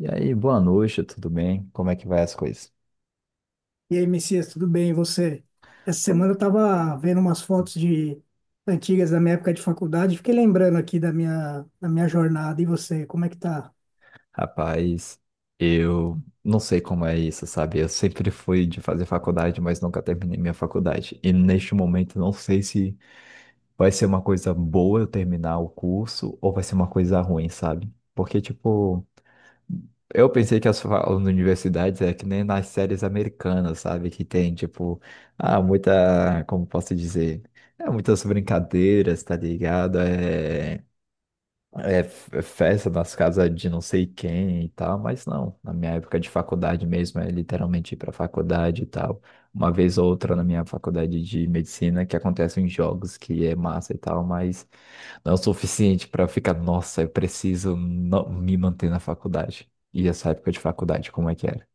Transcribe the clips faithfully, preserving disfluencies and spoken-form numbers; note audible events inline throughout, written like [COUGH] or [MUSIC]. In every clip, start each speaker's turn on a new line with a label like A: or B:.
A: E aí, boa noite, tudo bem? Como é que vai as coisas?
B: E aí, Messias, tudo bem? E você? Essa
A: Tô-
B: semana eu tava vendo umas fotos de antigas da minha época de faculdade, fiquei lembrando aqui da minha, da minha jornada. E você, como é que tá?
A: Rapaz, eu não sei como é isso, sabe? Eu sempre fui de fazer faculdade, mas nunca terminei minha faculdade. E neste momento, não sei se vai ser uma coisa boa eu terminar o curso ou vai ser uma coisa ruim, sabe? Porque, tipo, eu pensei que as fa- as universidades é que nem nas séries americanas, sabe? Que tem, tipo, ah, muita, como posso dizer? É, muitas brincadeiras, tá ligado? É. é, f- festa nas casas de não sei quem e tal, mas não. Na minha época de faculdade mesmo, é literalmente ir pra faculdade e tal. Uma vez ou outra na minha faculdade de medicina que acontecem jogos que é massa e tal, mas não é o suficiente pra ficar, nossa, eu preciso no- me manter na faculdade. E essa época de faculdade, como é que era?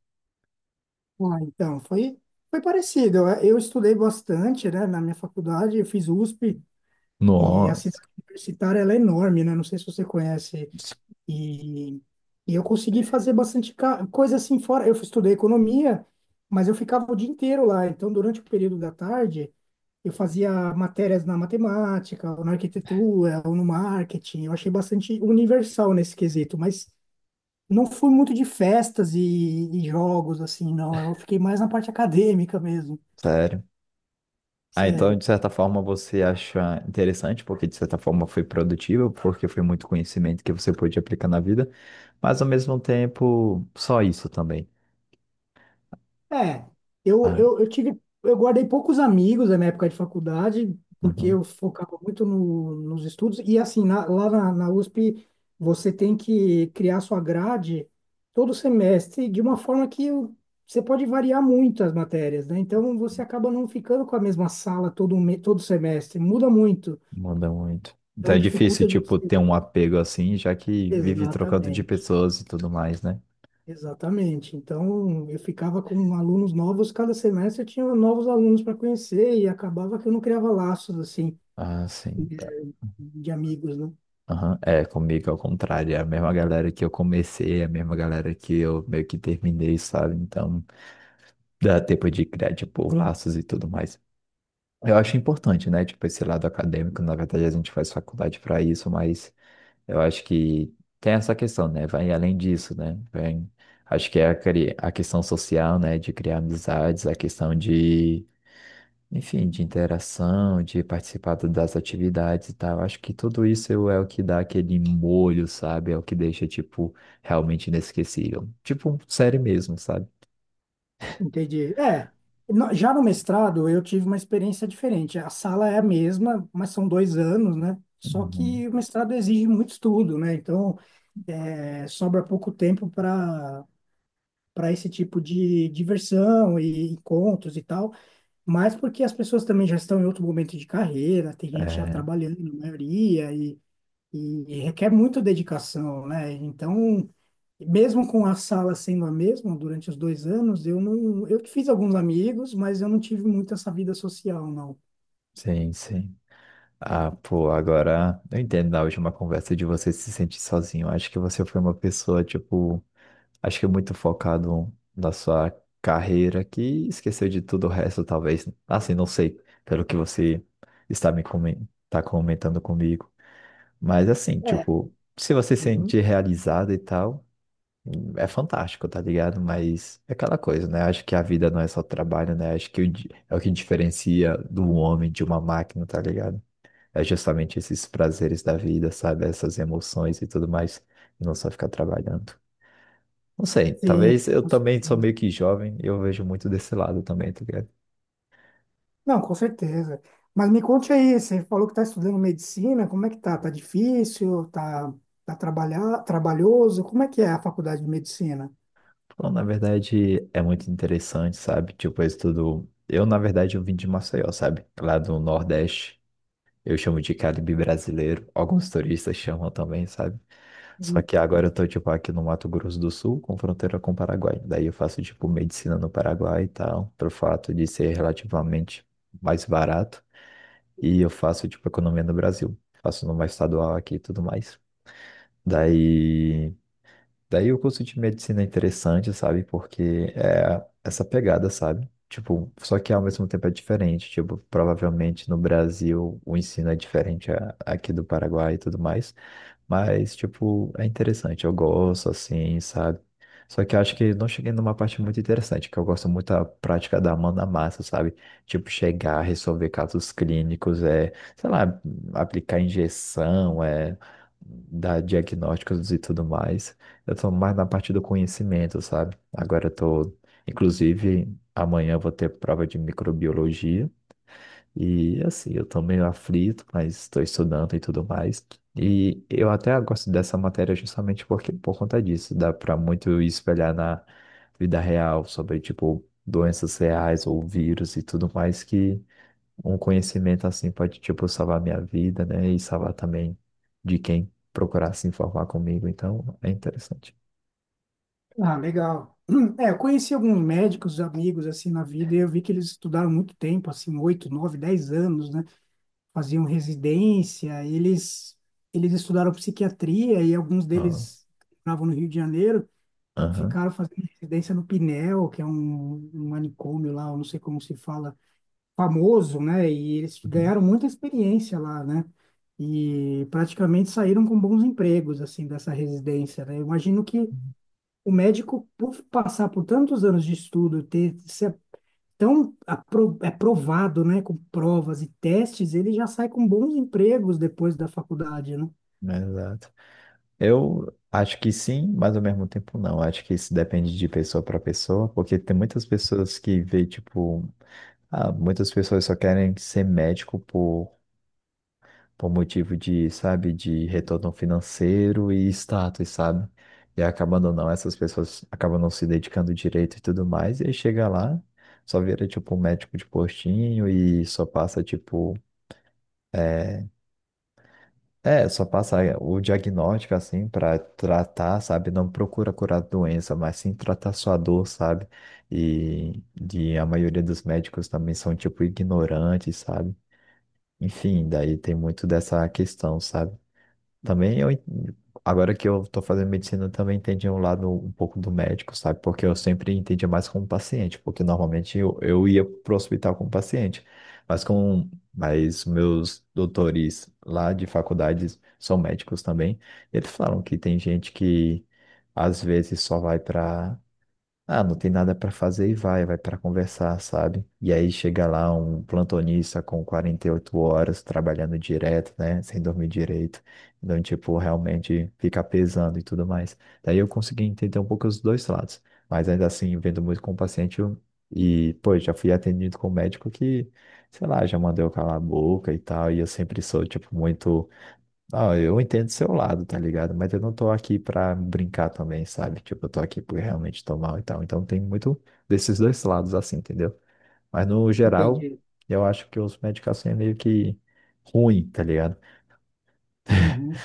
B: Ah, então, foi, foi parecido. Eu, eu estudei bastante, né, na minha faculdade, eu fiz U S P e a
A: Nossa,
B: cidade universitária ela é enorme, né? Não sei se você conhece. E, e eu consegui fazer bastante ca- coisa assim fora. Eu estudei economia, mas eu ficava o dia inteiro lá. Então, durante o período da tarde. Eu fazia matérias na matemática, ou na arquitetura, ou no marketing. Eu achei bastante universal nesse quesito, mas não fui muito de festas e, e jogos, assim, não. Eu fiquei mais na parte acadêmica mesmo,
A: sério. Ah, então,
B: sério.
A: de certa forma, você acha interessante, porque de certa forma foi produtivo, porque foi muito conhecimento que você pôde aplicar na vida, mas ao mesmo tempo, só isso também.
B: É, eu,
A: Ah,
B: eu, eu tive, eu guardei poucos amigos na minha época de faculdade, porque
A: uhum,
B: eu focava muito no, nos estudos, e assim, na- lá na, na U S P, você tem que criar sua grade todo semestre, de uma forma que o- você pode variar muito as matérias, né? Então, você acaba não ficando com a mesma sala todo, me- todo semestre, muda muito,
A: muda muito. Então
B: então
A: é difícil,
B: dificulta de
A: tipo,
B: você.
A: ter um apego assim, já que vive trocando de
B: Exatamente.
A: pessoas e tudo mais, né?
B: Exatamente. Então, eu ficava com alunos novos, cada semestre eu tinha novos alunos para conhecer e acabava que eu não criava laços assim
A: Ah, sim,
B: de
A: tá.
B: de amigos, né?
A: Aham, é, comigo é o contrário, é a mesma galera que eu comecei, é a mesma galera que eu meio que terminei, sabe? Então, dá tempo de criar, tipo, laços e tudo mais. Eu acho importante, né? Tipo, esse lado acadêmico, na verdade a gente faz faculdade para isso, mas eu acho que tem essa questão, né? Vai além disso, né? Vem, acho que é a, cri- a questão social, né? De criar amizades, a questão de, enfim, de interação, de participar do- das atividades e tal. Acho que tudo isso é o que dá aquele molho, sabe? É o que deixa, tipo, realmente inesquecível. Tipo, série mesmo, sabe?
B: Entendi. É, no- já no mestrado eu tive uma experiência diferente. A sala é a mesma, mas são dois anos, né? Só
A: Uhum.
B: que o mestrado exige muito estudo, né? Então, é, sobra pouco tempo para para esse tipo de diversão e encontros e tal. Mas porque as pessoas também já estão em outro momento de carreira, tem gente já
A: É,
B: trabalhando, a maioria, e, e requer muita dedicação, né? Então, mesmo com a sala sendo a mesma durante os dois anos, eu não, eu fiz alguns amigos, mas eu não tive muito essa vida social, não.
A: sim, sim. Ah, pô, agora eu entendo na última conversa de você se sentir sozinho. Acho que você foi uma pessoa, tipo, acho que muito focado na sua carreira que esqueceu de tudo o resto, talvez. Assim, não sei, pelo que você está me comen- tá comentando comigo. Mas assim,
B: É.
A: tipo, se você se
B: Uhum.
A: sentir realizado e tal, é fantástico, tá ligado? Mas é aquela coisa, né? Acho que a vida não é só trabalho, né? Acho que o di- é o que diferencia do homem de uma máquina, tá ligado? É justamente esses prazeres da vida, sabe? Essas emoções e tudo mais, e não só ficar trabalhando. Não sei,
B: Sim,
A: talvez eu
B: com
A: também sou
B: certeza.
A: meio que jovem, eu vejo muito desse lado também, tá ligado?
B: Não, com certeza. Mas me conte aí, você falou que está estudando medicina, como é que tá? Tá difícil? Tá, tá trabalhar, trabalhoso? Como é que é a faculdade de medicina?
A: Bom, na verdade, é muito interessante, sabe? Tipo, eu estudo. Eu, na verdade, eu vim de Maceió, sabe? Lá do Nordeste. Eu chamo de Caribe brasileiro. Alguns turistas chamam também, sabe? Só que agora eu tô, tipo, aqui no Mato Grosso do Sul, com fronteira com o Paraguai. Daí eu faço, tipo, medicina no Paraguai e tal, pelo fato de ser relativamente mais barato. E eu faço, tipo, economia no Brasil. Faço numa estadual aqui e tudo mais. Daí. Daí o curso de medicina é interessante, sabe? Porque é essa pegada, sabe? Tipo, só que ao mesmo tempo é diferente. Tipo, provavelmente no Brasil o ensino é diferente a- aqui do Paraguai e tudo mais. Mas, tipo, é interessante, eu gosto, assim, sabe? Só que eu acho que não cheguei numa parte muito interessante, que eu gosto muito da prática da mão na massa, sabe? Tipo, chegar, resolver casos clínicos, é, sei lá, aplicar injeção, é, dar diagnósticos e tudo mais. Eu tô mais na parte do conhecimento, sabe? Agora eu tô, inclusive, amanhã eu vou ter prova de microbiologia. E assim, eu tô meio aflito, mas estou estudando e tudo mais. E eu até gosto dessa matéria justamente porque, por conta disso, dá para muito espelhar na vida real sobre, tipo, doenças reais ou vírus e tudo mais que um conhecimento assim pode, tipo, salvar minha vida, né? E salvar também de quem procurar se informar comigo. Então, é interessante.
B: Ah, legal. [CLEARS THROAT] É, eu conheci alguns médicos, amigos, assim, na vida, e eu vi que eles estudaram muito tempo, assim, oito, nove, dez anos, né? Faziam residência, eles, eles estudaram psiquiatria e alguns
A: Ah,
B: deles estavam no Rio de Janeiro,
A: aham.
B: ficaram fazendo residência no Pinel, que é um, um manicômio lá, eu não sei como se fala, famoso, né? E eles
A: Uhum.
B: ganharam muita experiência lá, né? E praticamente saíram com bons empregos, assim, dessa residência, né? Eu imagino que o médico, por passar por tantos anos de estudo, ter ser tão apro- aprovado, né, com provas e testes, ele já sai com bons empregos depois da faculdade, né?
A: Exato. Eu acho que sim, mas ao mesmo tempo não. Acho que isso depende de pessoa para pessoa, porque tem muitas pessoas que vê, tipo, ah, muitas pessoas só querem ser médico por, por motivo de, sabe, de retorno financeiro e status, sabe? E acabando não, essas pessoas acabam não se dedicando direito e tudo mais, e aí chega lá, só vira, tipo, um médico de postinho e só passa, tipo. É, só passa o diagnóstico assim pra tratar, sabe? Não procura curar a doença, mas sim tratar sua dor, sabe? E, e a maioria dos médicos também são tipo ignorantes, sabe? Enfim, daí tem muito dessa questão, sabe? Também eu, en- agora que eu tô fazendo medicina, eu também entendi um lado um pouco do médico, sabe? Porque eu sempre entendia mais como paciente, porque normalmente eu, eu ia pro hospital como paciente, mas com, mas meus doutores lá de faculdades são médicos também, eles falaram que tem gente que às vezes só vai para ah, não tem nada para fazer e vai, vai para conversar, sabe? E aí chega lá um plantonista com quarenta e oito horas trabalhando direto, né? Sem dormir direito. Então, tipo, realmente fica pesando e tudo mais. Daí eu consegui entender um pouco os dois lados. Mas ainda assim, vendo muito com o paciente eu- e, pô, já fui atendido com um médico que, sei lá, já mandou eu calar a boca e tal. E eu sempre sou, tipo, muito. Não, eu entendo seu lado, tá ligado? Mas eu não tô aqui pra brincar também, sabe? Tipo, eu tô aqui porque realmente tô mal e tal. Então tem muito desses dois lados, assim, entendeu? Mas no geral,
B: Entendi.
A: eu acho que os médicos assim é meio que ruim, tá ligado?
B: Uhum.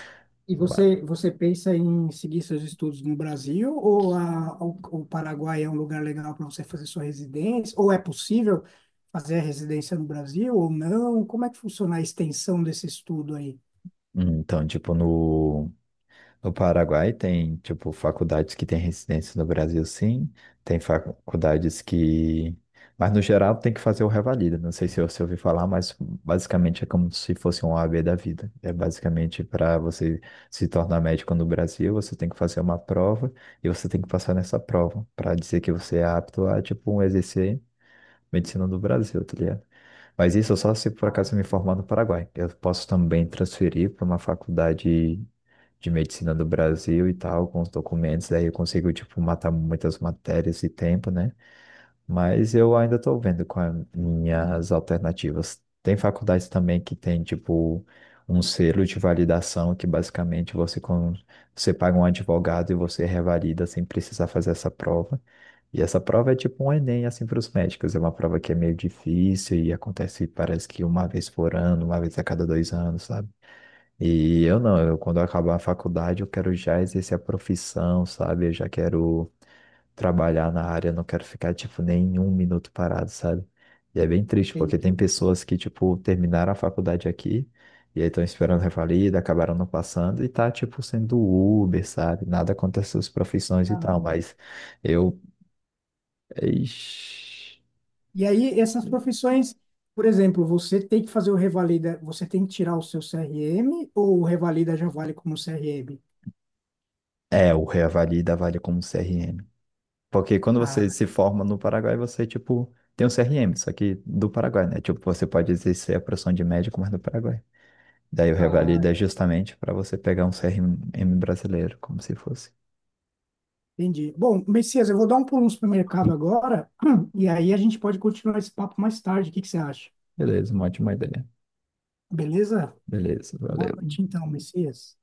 B: E
A: Ba-
B: você, você pensa em seguir seus estudos no Brasil ou a, o, o Paraguai é um lugar legal para você fazer sua residência? Ou é possível fazer a residência no Brasil ou não? Como é que funciona a extensão desse estudo aí?
A: Hum, Então, tipo, no. No Paraguai tem, tipo, faculdades que têm residência no Brasil, sim. Tem faculdades que. Mas, no geral, tem que fazer o revalida. Não sei se você ouviu falar, mas basicamente é como se fosse um O A B da vida. É basicamente para você se tornar médico no Brasil, você tem que fazer uma prova e você tem que passar nessa prova para dizer que você é apto a, tipo, um exercer medicina no Brasil, tá ligado? Mas isso só se por
B: Ah,
A: acaso eu me formar no Paraguai. Eu posso também transferir para uma faculdade de medicina do Brasil e tal, com os documentos, daí eu consigo, tipo, matar muitas matérias e tempo, né? Mas eu ainda tô vendo com as minhas alternativas. Tem faculdades também que tem, tipo, um selo de validação que basicamente você, com... você paga um advogado e você revalida sem precisar fazer essa prova. E essa prova é tipo um Enem, assim, para os médicos. É uma prova que é meio difícil e acontece, parece que uma vez por ano, uma vez a cada dois anos, sabe? E eu não, eu quando eu acabar a faculdade, eu quero já exercer a profissão, sabe? Eu já quero trabalhar na área, eu não quero ficar, tipo, nem um minuto parado, sabe? E é bem triste, porque tem
B: entendi.
A: pessoas que, tipo, terminaram a faculdade aqui, e aí estão esperando revalida, acabaram não passando, e tá, tipo, sendo Uber, sabe? Nada contra essas profissões e tal,
B: Caramba.
A: mas eu. Ixi.
B: E aí, essas profissões, por exemplo, você tem que fazer o revalida, você tem que tirar o seu C R M ou o revalida já vale como C R M?
A: É, o revalida vale como C R M. Porque quando você
B: Ah,
A: se forma no Paraguai, você, tipo, tem um C R M, só que do Paraguai, né? Tipo, você pode exercer a profissão de médico, mas do Paraguai. Daí o
B: ah,
A: Revalida é justamente para você pegar um C R M brasileiro, como se fosse.
B: entendi. Bom, Messias, eu vou dar um pulo no supermercado agora [CLEARS THROAT] e aí a gente pode continuar esse papo mais tarde. O que que você acha?
A: Beleza, uma ótima ideia.
B: Beleza?
A: Beleza,
B: Boa
A: valeu.
B: noite então, Messias.